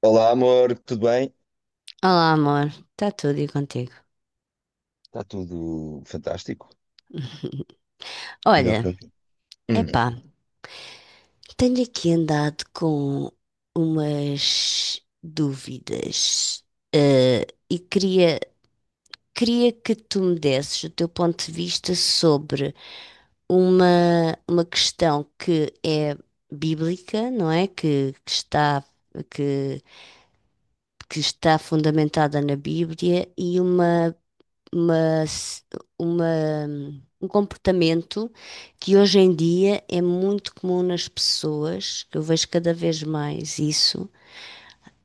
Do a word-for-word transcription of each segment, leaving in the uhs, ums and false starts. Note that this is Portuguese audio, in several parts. Olá, amor, tudo bem? Olá, amor. Está tudo e contigo? Está tudo fantástico? Melhor que Olha, nunca. Hum, epá, tenho aqui andado com umas dúvidas, eh, e queria, queria que tu me desses o teu ponto de vista sobre uma, uma questão que é bíblica, não é? Que, que está, que, que está fundamentada na Bíblia e uma uma, s- uma- um comportamento que hoje em dia é muito comum nas pessoas, que eu vejo cada vez mais isso,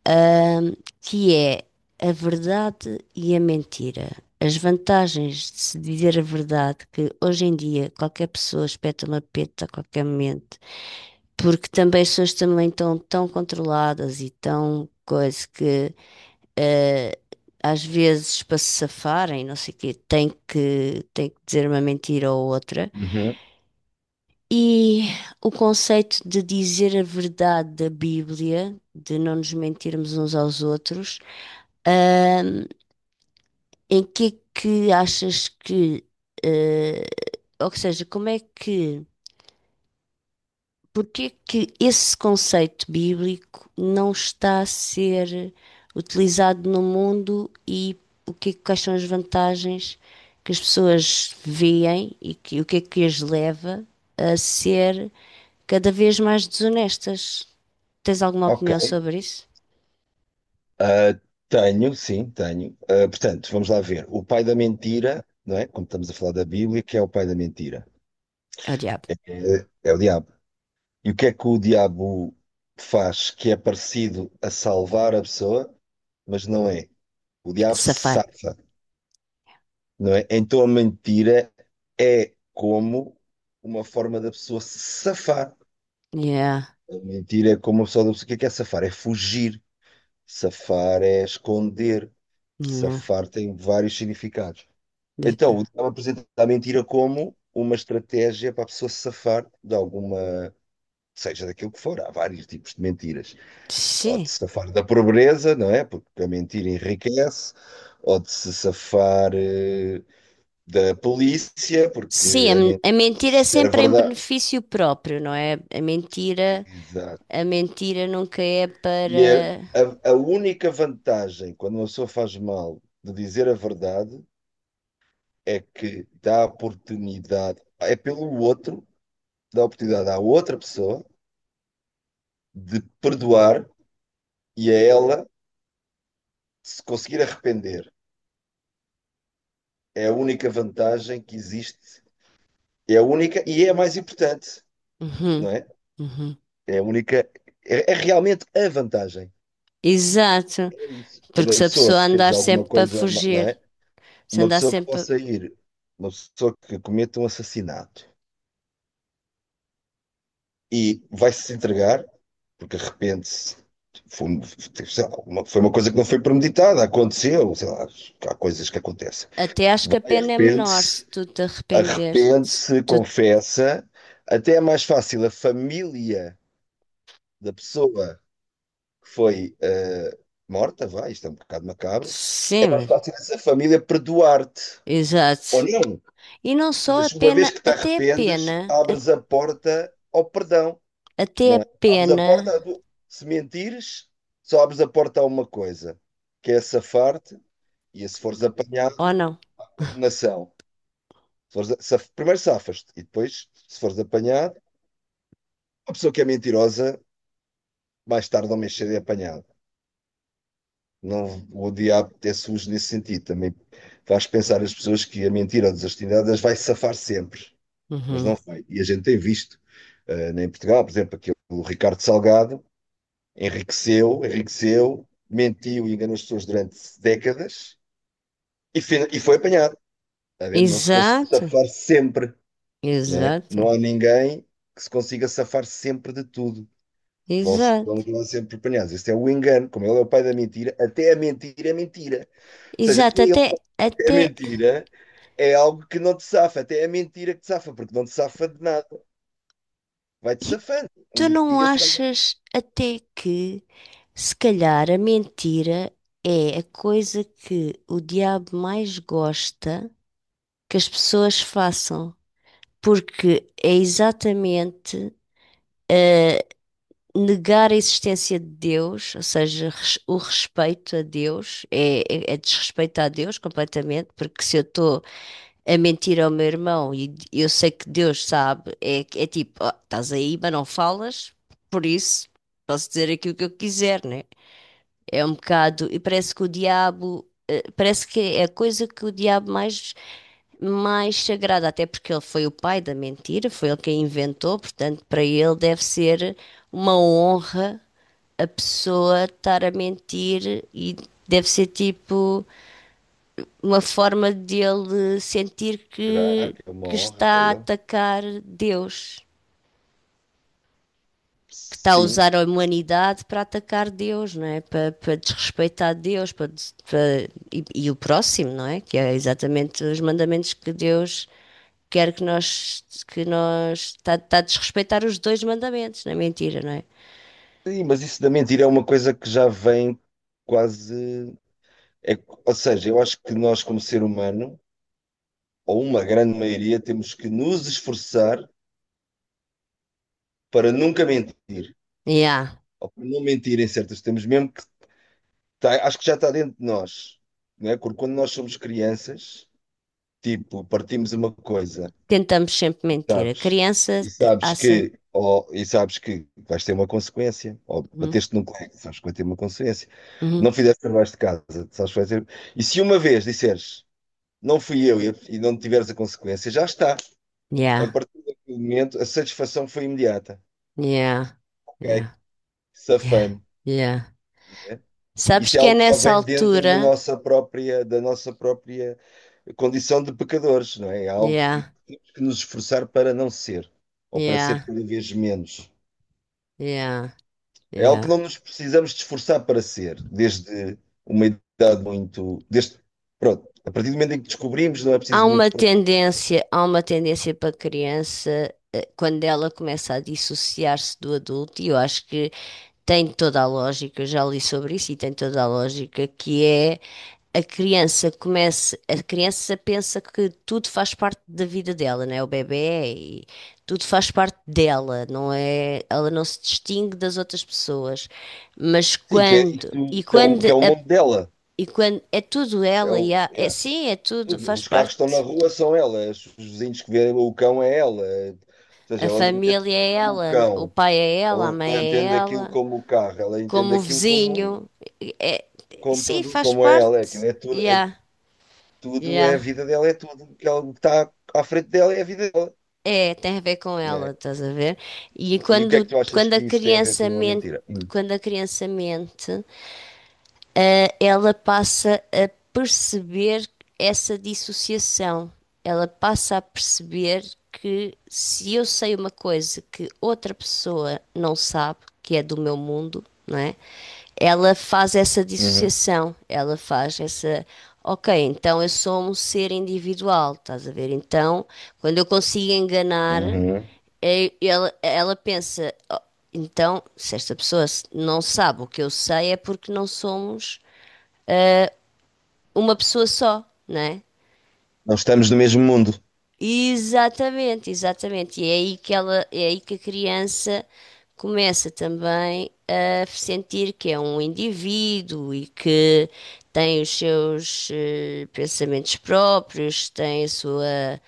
ahm, que é a verdade e a mentira. As vantagens de se dizer a verdade, que hoje em dia qualquer pessoa espeta uma peta a qualquer momento, porque também as pessoas também estão tão controladas e tão coisa que eh, às vezes para se safarem, não sei o quê, tem que, tem que dizer uma mentira ou outra. uhum, E o conceito de dizer a verdade da Bíblia, de não nos mentirmos uns aos outros, ahm, em que é que achas que, eh, ou seja, como é que Porque é que esse conceito bíblico não está a ser utilizado no mundo e o que, é que- quais são as vantagens que as pessoas veem e que, o que é que as leva a ser cada vez mais desonestas? Tens alguma ok. opinião sobre isso? Ah, tenho, sim, tenho. Ah, portanto, vamos lá ver. O pai da mentira, não é? Como estamos a falar da Bíblia, que é o pai da mentira? Oh, diabo, É, é o diabo. E o que é que o diabo faz que é parecido a salvar a pessoa, mas não é? O diabo safar. salva, não é? Então a mentira é como uma forma da pessoa se safar. Yeah, Mentir é como o pessoal do... O que é que é safar? É fugir. Safar é esconder. yeah. Safar tem vários significados. De- Então, o diabo apresenta a mentira como uma estratégia para a pessoa se safar de alguma... Seja daquilo que for, há vários tipos de mentiras. Ou de Sim. se safar da pobreza, não é? Porque a mentira enriquece. Ou de se safar eh, da polícia, porque Sim, a, a men- mentira... a mentira é Se era sempre em verdade. benefício próprio, não é? A mentira. Exato. A mentira nunca é E para. é a, a única vantagem quando uma pessoa faz mal de dizer a verdade é que dá oportunidade, é pelo outro, dá oportunidade à outra pessoa de perdoar e a ela se conseguir arrepender. É a única vantagem que existe, é a única e é a mais importante, não Uhum, é? uhum. É a única, é, é realmente a vantagem. Exato, É isso. É porque da se a pessoa pessoa se fez andar alguma sempre para coisa, ma- não fugir, é? se Uma andar pessoa que sempre. A- possa ir, uma pessoa que cometa um assassinato e vai-se entregar, porque de repente foi, um, sei lá, uma, foi uma coisa que não foi premeditada, aconteceu, sei lá, há coisas que acontecem. Até acho que a Vai, pena é menor se arrepende-se, tu te arrependeres. Se arrepende-se, tu... confessa, até é mais fácil a família da pessoa que foi uh, morta, vai, isto é um bocado macabro, Sim, mais mas- fácil essa família perdoar-te, ou exato. não, E não só a mas uma vez pena, que te até a arrependes, pena, a- abres a porta ao perdão. até a Não é? Abres a pena, porta, do- se mentires, só abres a porta a uma coisa, que é safar-te, e se fores ou apanhado, não? condenação. Se fores a- saf- primeiro safas-te, e depois, se fores apanhado, a pessoa que é mentirosa, mais tarde ou mais cedo é apanhada. Não, o diabo é sujo nesse sentido. Também faz pensar as pessoas que a mentira ou a desonestidade as vai safar sempre, mas Uhum. não vai. E a gente tem visto, eh, em Portugal, por exemplo, aquele o Ricardo Salgado, enriqueceu, enriqueceu, mentiu e enganou as pessoas durante décadas e, fina- e foi apanhado. Está a ver? Não se consegue Exato, safar sempre, não é? exato, Não há ninguém que se consiga safar sempre de tudo. Vão, se- vão exato, acabar sempre apanhados. Este é o engano, como ele é o pai da mentira, até a mentira é mentira. Ou seja, até exato. ele Até, a até, mentira é algo que não te safa, até é a mentira que te safa, porque não te safa de nada. Vai-te e safando. Um tu não dia será. achas até que, se calhar, a mentira é a coisa que o diabo mais gosta que as pessoas façam? Porque é exatamente eh, negar a existência de Deus, ou seja, res- o respeito a Deus, é, é- é desrespeitar a Deus completamente, porque se eu estou a mentir ao meu irmão e d- eu sei que Deus sabe, é, é tipo, "Oh, estás aí, mas não falas, por isso posso dizer aquilo que eu quiser, né? É um bocado. E parece que o diabo. eh, Parece que é a coisa que o diabo mais. Mais sagrada, até porque ele foi o pai da mentira, foi ele quem inventou, portanto, para ele deve ser uma honra a pessoa estar a mentir e deve ser tipo uma forma dele sentir Será que, que é uma que honra para está a ele? atacar Deus. Que está a Sim. usar a humanidade para atacar Deus, não é? Para, para desrespeitar Deus para, para- e, e o próximo, não é? Que é exatamente os mandamentos que Deus quer que nós que nós está, está a desrespeitar os dois mandamentos, não é mentira, não é? Sim, mas isso da mentira é uma coisa que já vem quase. É, ou seja, eu acho que nós, como ser humano, ou uma grande maioria, temos que nos esforçar para nunca mentir, Yeah. ou para não mentir em certos temos mesmo que tá- acho que já está dentro de nós, não é? Porque quando nós somos crianças, tipo, partimos uma coisa. Tentamos sempre mentir. A Sabes, criança e eh, há sabes sempre. que, ou, e sabes que vais ter uma consequência, ou Uhum. bateste num colega, sabes que vai ter uma consequência, Uhum. não fizeste trabalhos de casa, sabes que vai ter. E se uma vez disseres não fui eu e, e não tiveres a consequência, já está. A Yeah. partir daquele momento, a satisfação foi imediata. Yeah. Ok, Yeah. Yeah. safame. Yeah. Isso Sabes é que é algo que já nessa vem dentro da altura. nossa própria, da nossa própria condição de pecadores, não é? É algo que Yeah. temos que nos esforçar para não ser, ou para ser Yeah. cada vez menos. Yeah. É algo que Yeah. não nos precisamos de esforçar para ser, desde uma idade muito. Desde, pronto, a partir do momento em que descobrimos, não é Há preciso muito uma esforço. tendência, há uma tendência para a criança eh, quando ela começa a dissociar-se do adulto, e eu acho que tem toda a lógica, eu já li sobre isso e tem toda a lógica, que é a criança começa, a criança pensa que tudo faz parte da vida dela, né? O bebé e tudo faz parte dela, não é? Ela não se distingue das outras pessoas. Mas Sim, que é, quando, isto, e que é, o, quando que é o a- mundo dela. e quando é tudo É ela o, e há- é yeah, sim, é tudo, tudo. faz Os carros que estão na parte. rua são elas, os vizinhos que vêem o cão é ela. Ou A seja, ela não entende aquilo família é como o ela, cão, o pai é ela, a ela mãe não é entende aquilo ela, como o carro, ela entende como o aquilo como, vizinho. É, como sim, tudo, faz como é ela. Aquilo parte. é tudo, é, Yeah, tudo é yeah. a vida dela, é tudo. O que ela- o que está à frente dela é a vida dela. É, tem a ver com ela, Né? estás a ver? E E o que é que quando, tu achas quando que a isso tem a ver criança com uma mente, mentira? Hum. quando a criança mente, ela passa a perceber essa dissociação. Ela passa a perceber que se eu sei uma coisa que outra pessoa não sabe, que é do meu mundo, não é? Ela faz essa Uhum. dissociação, ela faz essa. Ok, então eu sou um ser individual, estás a ver? Então, quando eu consigo enganar, Uhum. eh, ela, ela pensa, "Oh, então, se esta pessoa s- não sabe o que eu sei, é porque não somos uma pessoa só, não é? Não estamos no mesmo mundo, Exatamente, exatamente. E é aí que ela, é aí que a criança começa também a sentir que é um indivíduo e que tem os seus eh, pensamentos próprios, tem a sua,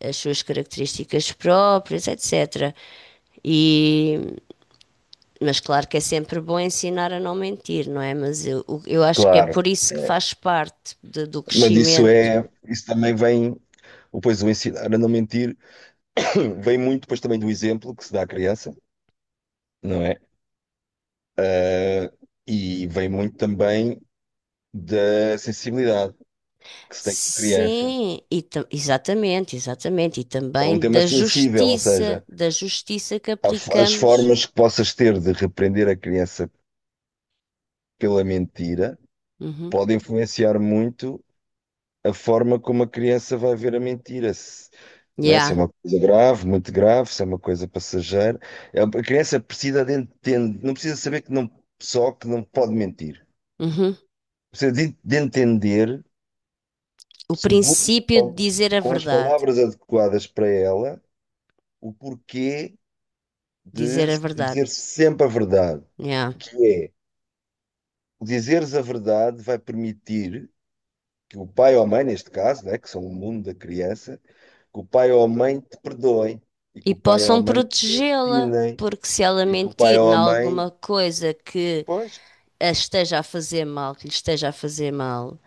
as suas características próprias, etcetera. E, mas claro que é sempre bom ensinar a não mentir, não é? Mas eu, eu acho que é claro. por isso que É. faz parte de- do Mas isso crescimento. é, isso também vem, ou pois o ensinar a não mentir vem muito depois também do exemplo que se dá à criança, não é? Ah, e vem muito também da sensibilidade que se tem com a criança. Sim, e ta- exatamente, exatamente. E É um também tema da sensível, ou justiça, seja, da justiça que a- f- as aplicamos. formas que possas ter de repreender a criança pela mentira Uhum. podem influenciar muito a forma como a criança vai ver a mentira, se, não é? Se é Yeah. uma coisa grave, muito grave, se é uma coisa passageira. A a criança precisa de entender, não precisa saber que não, só que não pode mentir. Uhum. Precisa de, de entender, O seguro, princípio de dizer a com as verdade. palavras adequadas para ela, o porquê Dizer de a se verdade. dizer sempre a verdade, Yeah. que é, o dizeres a verdade vai permitir que o pai ou a mãe, neste caso, né, que são o mundo da criança, que o pai ou a mãe te perdoem e que E o pai ou a possam mãe te protegê-la, ensinem porque se ela e que o pai mentir ou em a mãe. alguma coisa que Pois, a esteja a fazer mal, que lhe esteja a fazer mal,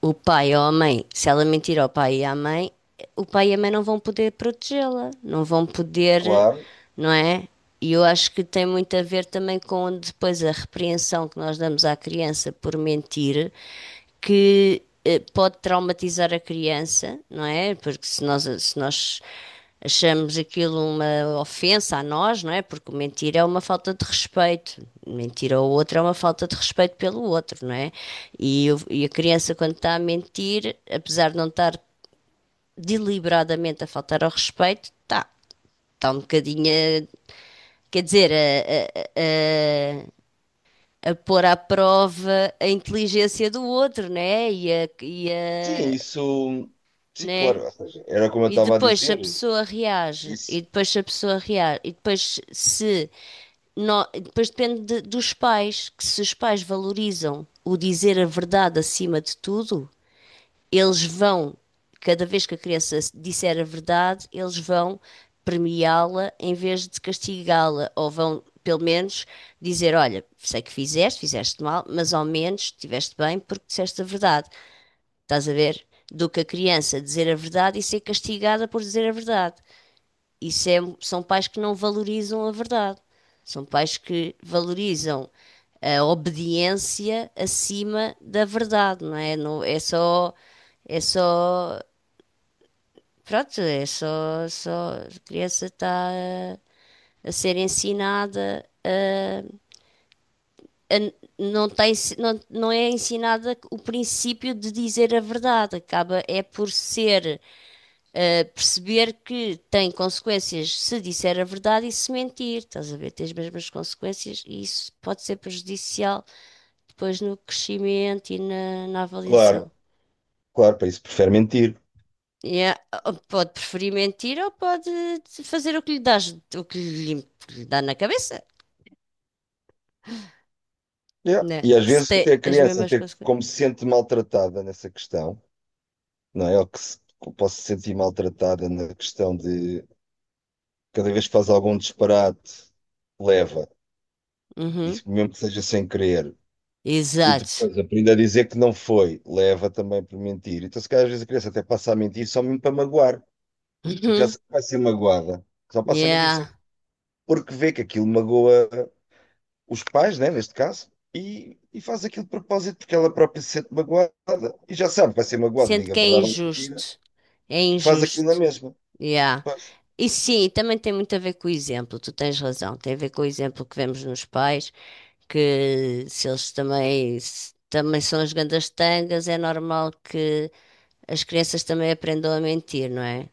o pai ou a mãe, se ela mentir ao pai e à mãe, o pai e a mãe não vão poder protegê-la, não vão poder, claro. não é? E eu acho que tem muito a ver também com depois a repreensão que nós damos à criança por mentir, que eh, pode traumatizar a criança, não é? Porque se nós, se nós achamos aquilo uma ofensa a nós, não é? Porque mentir é uma falta de respeito. Mentir ao outro é uma falta de respeito pelo outro, não é? E, o- e a criança, quando está a mentir, apesar de não estar deliberadamente a faltar ao respeito, está está um bocadinho, a- quer dizer, a, a, a, a pôr à prova a inteligência do outro, né? E a, e Sim, a, isso. Sim, né? claro. Ou seja, era como eu E estava a depois se a dizer. pessoa reage, e Isso, depois se a pessoa reage, e depois se nó- depois depende de- dos pais, que se os pais valorizam o dizer a verdade acima de tudo, eles vão, cada vez que a criança disser a verdade, eles vão premiá-la em vez de castigá-la, ou vão pelo menos dizer, olha, sei que fizeste, fizeste mal, mas ao menos estiveste bem porque disseste a verdade. Estás a ver? Do que a criança dizer a verdade e ser castigada por dizer a verdade. Isso é, são pais que não valorizam a verdade. São pais que valorizam a obediência acima da verdade, não é? Não, é só, é só, pronto, é só, só a criança está a, a ser ensinada a, a- não tem, não, não é ensinada o princípio de dizer a verdade, acaba é por ser Uh, perceber que tem consequências se disser a verdade e se mentir, estás a ver? Tem as mesmas consequências e isso pode ser prejudicial depois no crescimento e na, na claro, avaliação. claro, para isso prefere mentir. E é- Pode preferir mentir ou pode fazer o que lhe dá, o que lhe, o que lhe dá na cabeça, Yeah. né? E às Se vezes tem até a as criança, mesmas até como consequências. se sente maltratada nessa questão, não é? Ou que se, que posso se sentir maltratada na questão de cada vez que faz algum disparate, leva. E Uhum. mesmo que seja sem querer, e Exato. depois aprende a dizer que não foi, leva também por mentir. Então, se calhar, às vezes a criança até passa a mentir só mesmo para magoar, porque já Uhum. sabe que vai ser magoada. Só passa a mentir só Yeah. porque vê que aquilo magoa os pais, né, neste caso, e, e faz aquilo de propósito porque ela própria se sente magoada. E já sabe que vai ser magoada, Sente diga a que é verdade ou mentira, injusto. É faz aquilo na injusto. mesma. Yeah. Pois, E sim, também tem muito a ver com o exemplo, tu tens razão, tem a ver com o exemplo que vemos nos pais, que se eles também, se também são as grandes tangas, é normal que as crianças também aprendam a mentir, não é?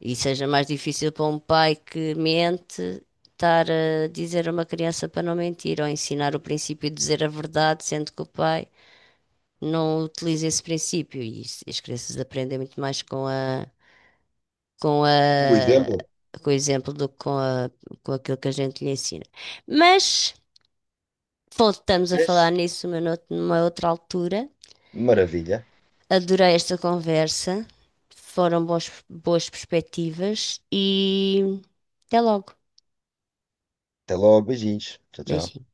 E seja mais difícil para um pai que mente estar a dizer a uma criança para não mentir, ou ensinar o princípio de dizer a verdade, sendo que o pai não utiliza esse princípio, e isso- as crianças aprendem muito mais com a com o a, exemplo. com o exemplo do que com a, com aquilo que a gente lhe ensina. Mas voltamos a falar Vês? nisso numa, nout- numa outra altura. Maravilha. Adorei esta conversa. Foram boas boas perspectivas e até logo. Até logo, beijinhos. Tchau, tchau. Beijinho.